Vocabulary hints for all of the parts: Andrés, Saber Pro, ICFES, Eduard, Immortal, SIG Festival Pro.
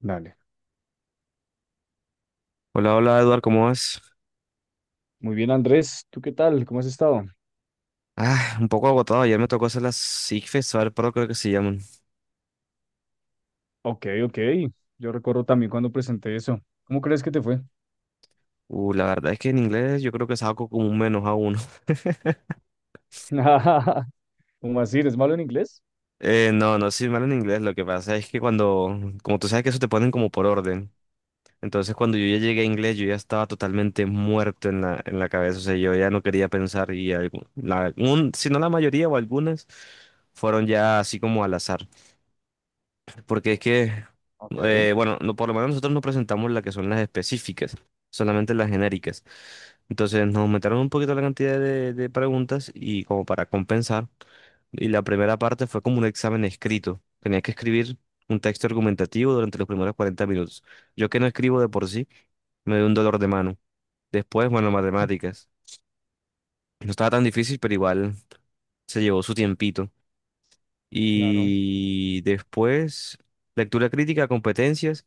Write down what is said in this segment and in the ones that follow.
Dale. Hola, hola Eduard, ¿cómo vas? Muy bien, Andrés. ¿Tú qué tal? ¿Cómo has estado? Ah, un poco agotado. Ayer me tocó hacer las SIG Festival Pro, creo que se llaman. Ok, ok. Yo recuerdo también cuando presenté eso. ¿Cómo crees que te fue? La verdad es que en inglés yo creo que saco como un menos a uno. ¿Cómo así? ¿Eres malo en inglés? No, no soy mal en inglés. Lo que pasa es que cuando, como tú sabes que eso te ponen como por orden. Entonces cuando yo ya llegué a inglés, yo ya estaba totalmente muerto en la cabeza. O sea, yo ya no quería pensar y si no la mayoría o algunas fueron ya así como al azar. Porque es que, Ok. Bueno, no, por lo menos nosotros no presentamos las que son las específicas, solamente las genéricas. Entonces nos aumentaron un poquito la cantidad de preguntas y como para compensar. Y la primera parte fue como un examen escrito. Tenías que escribir un texto argumentativo durante los primeros 40 minutos. Yo que no escribo de por sí, me dio un dolor de mano. Después, bueno, matemáticas. No estaba tan difícil, pero igual se llevó su tiempito. Claro. Y después, lectura crítica, competencias.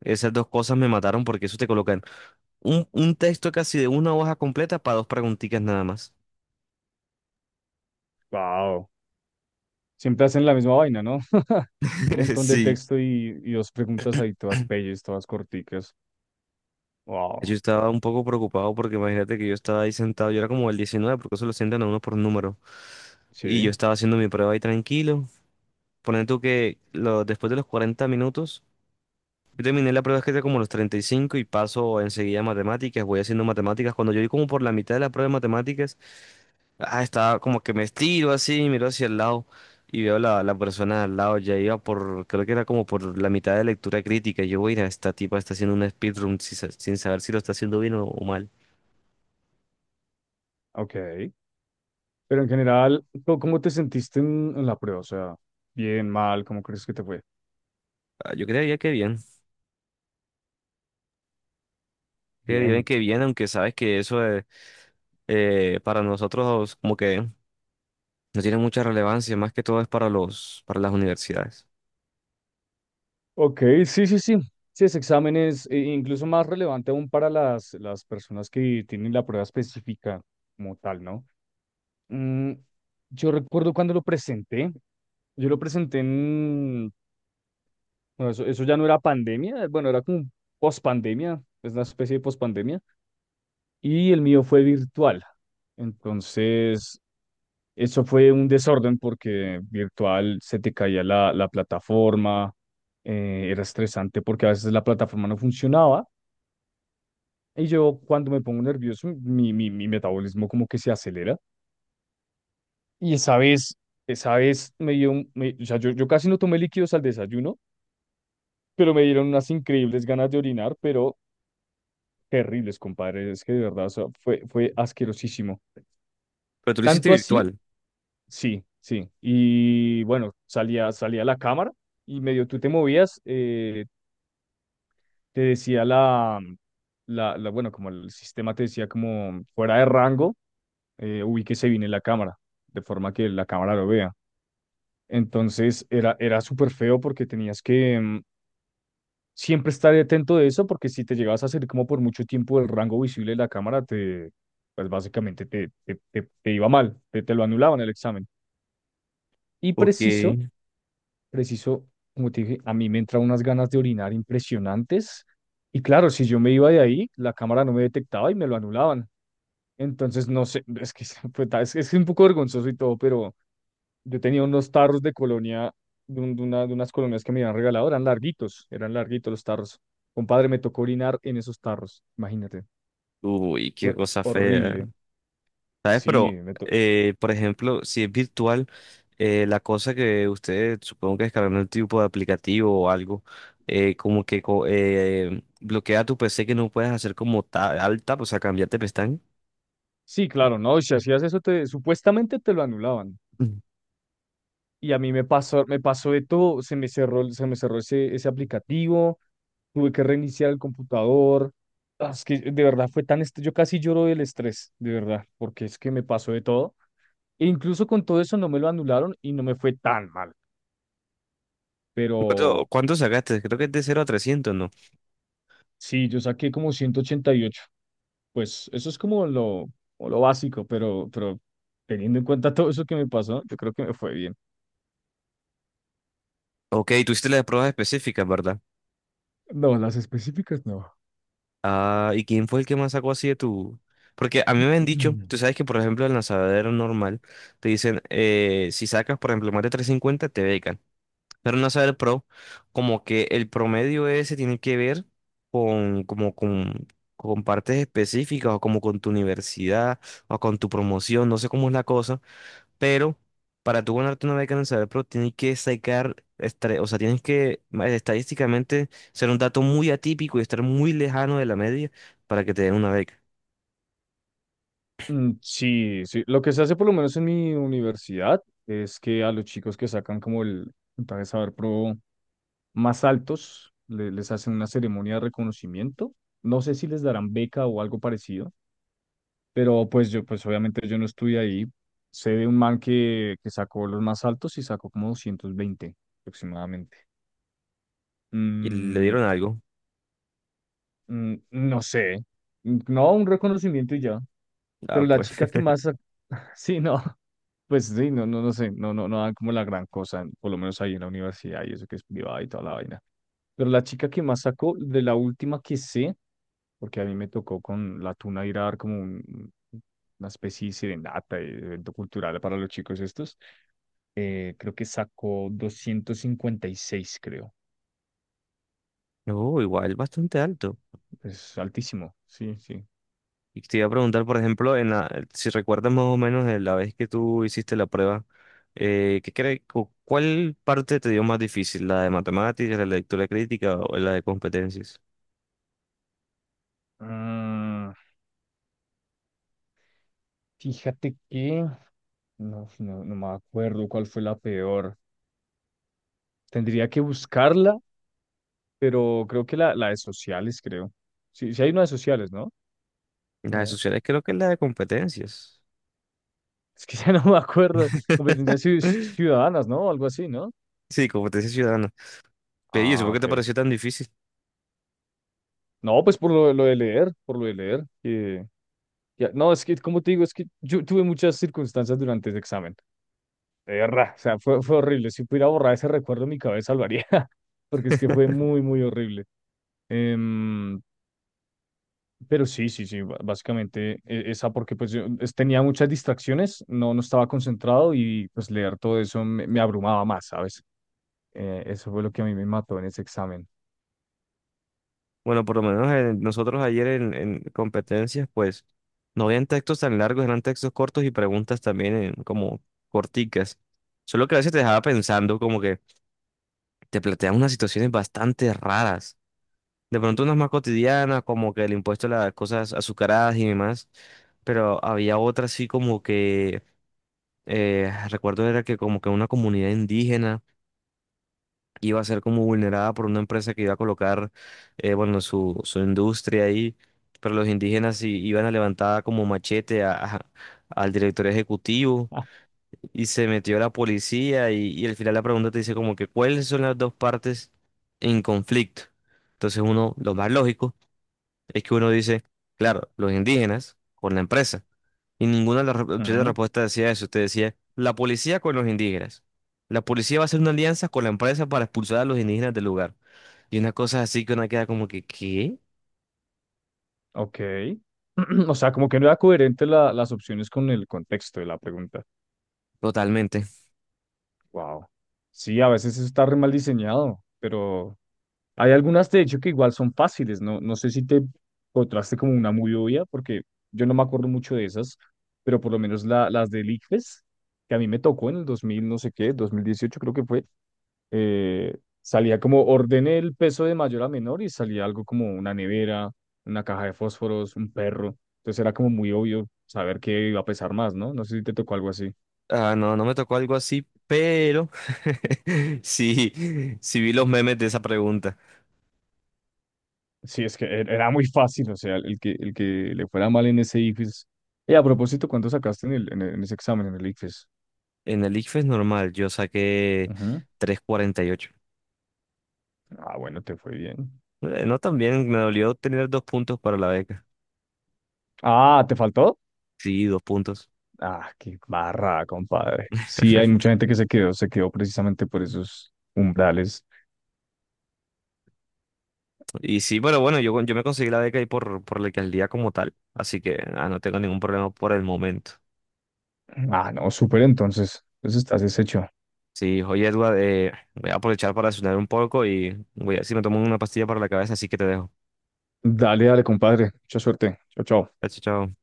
Esas dos cosas me mataron porque eso te colocan un texto casi de una hoja completa para dos preguntitas nada más. Wow. Siempre hacen la misma vaina, ¿no? Un montón de Sí. texto y, dos preguntas ahí, todas pelles, todas corticas. Yo Wow. estaba un poco preocupado porque imagínate que yo estaba ahí sentado, yo era como el 19 porque eso lo sientan a uno por número. Y yo Sí. estaba haciendo mi prueba ahí tranquilo. Ponen tú que después de los 40 minutos, yo terminé la prueba escrita como a los 35 y cinco y paso enseguida a matemáticas, voy haciendo matemáticas. Cuando yo vi como por la mitad de la prueba de matemáticas, ah, estaba como que me estiro así, miro hacia el lado y veo la persona al lado, ya iba por, creo que era como por la mitad de lectura crítica. Yo, voy a esta tipa está haciendo una speedrun sin saber si lo está haciendo bien o mal. Ok. Pero en general, ¿cómo te sentiste en, la prueba? O sea, bien, mal, ¿cómo crees que te fue? Ah, yo creería que bien, creería bien Bien. que bien, aunque sabes que eso para nosotros como que no tiene mucha relevancia, más que todo es para las universidades. Ok, sí, sí, sí. Sí, ese examen es incluso más relevante aún para las, personas que tienen la prueba específica como tal, ¿no? Mm, yo recuerdo cuando lo presenté, yo lo presenté en, bueno, eso, ya no era pandemia, bueno, era como pospandemia, es una especie de pospandemia, y el mío fue virtual. Entonces, eso fue un desorden porque virtual se te caía la, plataforma, era estresante porque a veces la plataforma no funcionaba. Y yo cuando me pongo nervioso, mi metabolismo como que se acelera. Y esa vez me dio, o sea, yo casi no tomé líquidos al desayuno, pero me dieron unas increíbles ganas de orinar, pero terribles, compadre. Es que de verdad, o sea, fue asquerosísimo. Pero tú lo hiciste Tanto así, virtual. sí, sí. Y bueno, salía a la cámara y medio tú te movías, te decía bueno, como el sistema te decía como fuera de rango, ubíquese bien en la cámara, de forma que la cámara lo vea. Entonces era, era súper feo porque tenías que siempre estar atento de eso, porque si te llegabas a salir como por mucho tiempo del rango visible de la cámara, te, pues básicamente te iba mal, te lo anulaban el examen. Y preciso, Ok. preciso, como te dije, a mí me entran unas ganas de orinar impresionantes. Y claro, si yo me iba de ahí, la cámara no me detectaba y me lo anulaban. Entonces, no sé, es que es un poco vergonzoso y todo, pero yo tenía unos tarros de colonia, de unas colonias que me habían regalado, eran larguitos los tarros. Compadre, me tocó orinar en esos tarros, imagínate. Uy, qué Fue cosa fea. horrible. ¿Sabes? Sí, Pero, me to- por ejemplo, si es virtual, la cosa que ustedes supongo que descargan un tipo de aplicativo o algo, como que bloquea tu PC que no puedes hacer como ta al tap, o sea, cambiarte pestaña. sí, claro, no, si hacías eso, te, supuestamente te lo anulaban. Mm. Y a mí me pasó de todo, se me cerró ese, ese aplicativo, tuve que reiniciar el computador. Ah, es que de verdad fue tan, yo casi lloro del estrés, de verdad, porque es que me pasó de todo. E incluso con todo eso no me lo anularon y no me fue tan mal. ¿Cuánto, Pero cuánto sacaste? Creo que es de 0 a 300, ¿no? sí, yo saqué como 188. Pues eso es como lo básico, pero teniendo en cuenta todo eso que me pasó, yo creo que me fue bien. Ok, tú hiciste las pruebas específicas, ¿verdad? No, las específicas no. Ah, ¿y quién fue el que más sacó así de tu...? Porque a mí me han dicho, Mm. tú sabes que, por ejemplo, en la lanzadero normal, te dicen, si sacas, por ejemplo, más de 350 te becan. Pero no saber pro, como que el promedio ese tiene que ver con, como con, con partes específicas o como con tu universidad o con tu promoción, no sé cómo es la cosa, pero para tú ganarte una beca en el saber pro tienes que sacar, o sea, tienes que estadísticamente ser un dato muy atípico y estar muy lejano de la media para que te den una beca. Mm, sí, sí. Lo que se hace por lo menos en mi universidad es que a los chicos que sacan como el puntaje Saber Pro más altos, les hacen una ceremonia de reconocimiento. No sé si les darán beca o algo parecido, pero pues yo, pues obviamente yo no estuve ahí. Sé de un man que sacó los más altos y sacó como 220 aproximadamente. Y le Mm, dieron algo. No sé. Mm, no, un reconocimiento y ya. Ah, Pero la pues, chica que más... Sí, no. Pues sí, no sé. No dan como la gran cosa, por lo menos ahí en la universidad y eso que es privada y toda la vaina. Pero la chica que más sacó, de la última que sé, porque a mí me tocó con la tuna ir a dar una especie de serenata, de evento cultural para los chicos estos. Creo que sacó 256 creo. no, igual bastante alto. Es altísimo, sí, sí. Y te iba a preguntar, por ejemplo, si recuerdas más o menos de la vez que tú hiciste la prueba, ¿qué crees, cuál parte te dio más difícil? ¿La de matemáticas, la de lectura crítica o la de competencias? Ah, fíjate que no me acuerdo cuál fue la peor. Tendría que buscarla, pero creo que la de sociales, creo. Sí, sí hay una de sociales, ¿no? La de No, sociales creo que es la de competencias. es que ya no me acuerdo. Competencias ciudadanas, ¿no? Algo así, ¿no? Sí, competencias ciudadanas. Pero, ¿y eso Ah, por qué te ok. pareció tan difícil? No, pues por lo de leer, por lo de leer. No, es que, como te digo, es que yo tuve muchas circunstancias durante ese examen. De verdad, o sea, fue horrible. Si pudiera borrar ese recuerdo en mi cabeza, lo haría, porque es que fue muy, muy horrible. Em, pero sí, básicamente esa, porque pues yo tenía muchas distracciones, no, no estaba concentrado y pues leer todo eso me, me abrumaba más, ¿sabes? Eso fue lo que a mí me mató en ese examen. Bueno, por lo menos nosotros ayer en competencias, pues no habían textos tan largos, eran textos cortos y preguntas también como corticas. Solo que a veces te dejaba pensando como que te plantean unas situaciones bastante raras. De pronto unas más cotidianas, como que el impuesto a las cosas azucaradas y demás, pero había otras así como que, recuerdo era que como que una comunidad indígena iba a ser como vulnerada por una empresa que iba a colocar, bueno, su industria ahí, pero los indígenas iban a levantar como machete al director ejecutivo Ah. y se metió la policía y al final la pregunta te dice como que cuáles son las dos partes en conflicto. Entonces uno, lo más lógico es que uno dice, claro, los indígenas con la empresa. Y ninguna de las opciones de Ujú. respuesta decía eso. Te decía, la policía con los indígenas. La policía va a hacer una alianza con la empresa para expulsar a los indígenas del lugar. Y una cosa así que una queda como que, ¿qué? Ok. O sea, como que no era coherente las opciones con el contexto de la pregunta. Totalmente. Wow. Sí, a veces eso está re mal diseñado, pero hay algunas de hecho que igual son fáciles, ¿no? No sé si te encontraste como una muy obvia, porque yo no me acuerdo mucho de esas, pero por lo menos la, las del ICFES, que a mí me tocó en el 2000 no sé qué, 2018 creo que fue, eh, salía como ordené el peso de mayor a menor y salía algo como una nevera, una caja de fósforos, un perro. Entonces era como muy obvio saber qué iba a pesar más, ¿no? No sé si te tocó algo así. Ah, no, no me tocó algo así, pero sí, sí vi los memes de esa pregunta. Sí, es que era muy fácil, o sea, el que le fuera mal en ese IFES. Y a propósito, ¿cuánto sacaste en ese examen, en el IFES? En el ICFES normal, yo saqué Ujú. 3,48. Ah, bueno, te fue bien. No tan bien, me dolió tener 2 puntos para la beca. Ah, ¿te faltó? Sí, 2 puntos. Ah, qué barra, compadre. Sí, hay mucha gente que se quedó precisamente por esos umbrales. Y sí, pero bueno, yo me conseguí la beca ahí por la alcaldía como tal, así que no tengo ningún problema por el momento. Ah, no, súper entonces. Entonces estás deshecho. Sí, oye, Edward, voy a aprovechar para sonar un poco y si me tomo una pastilla para la cabeza, así que te dejo. Dale, dale, compadre. Mucha suerte. Chao, chao. Chao, chao.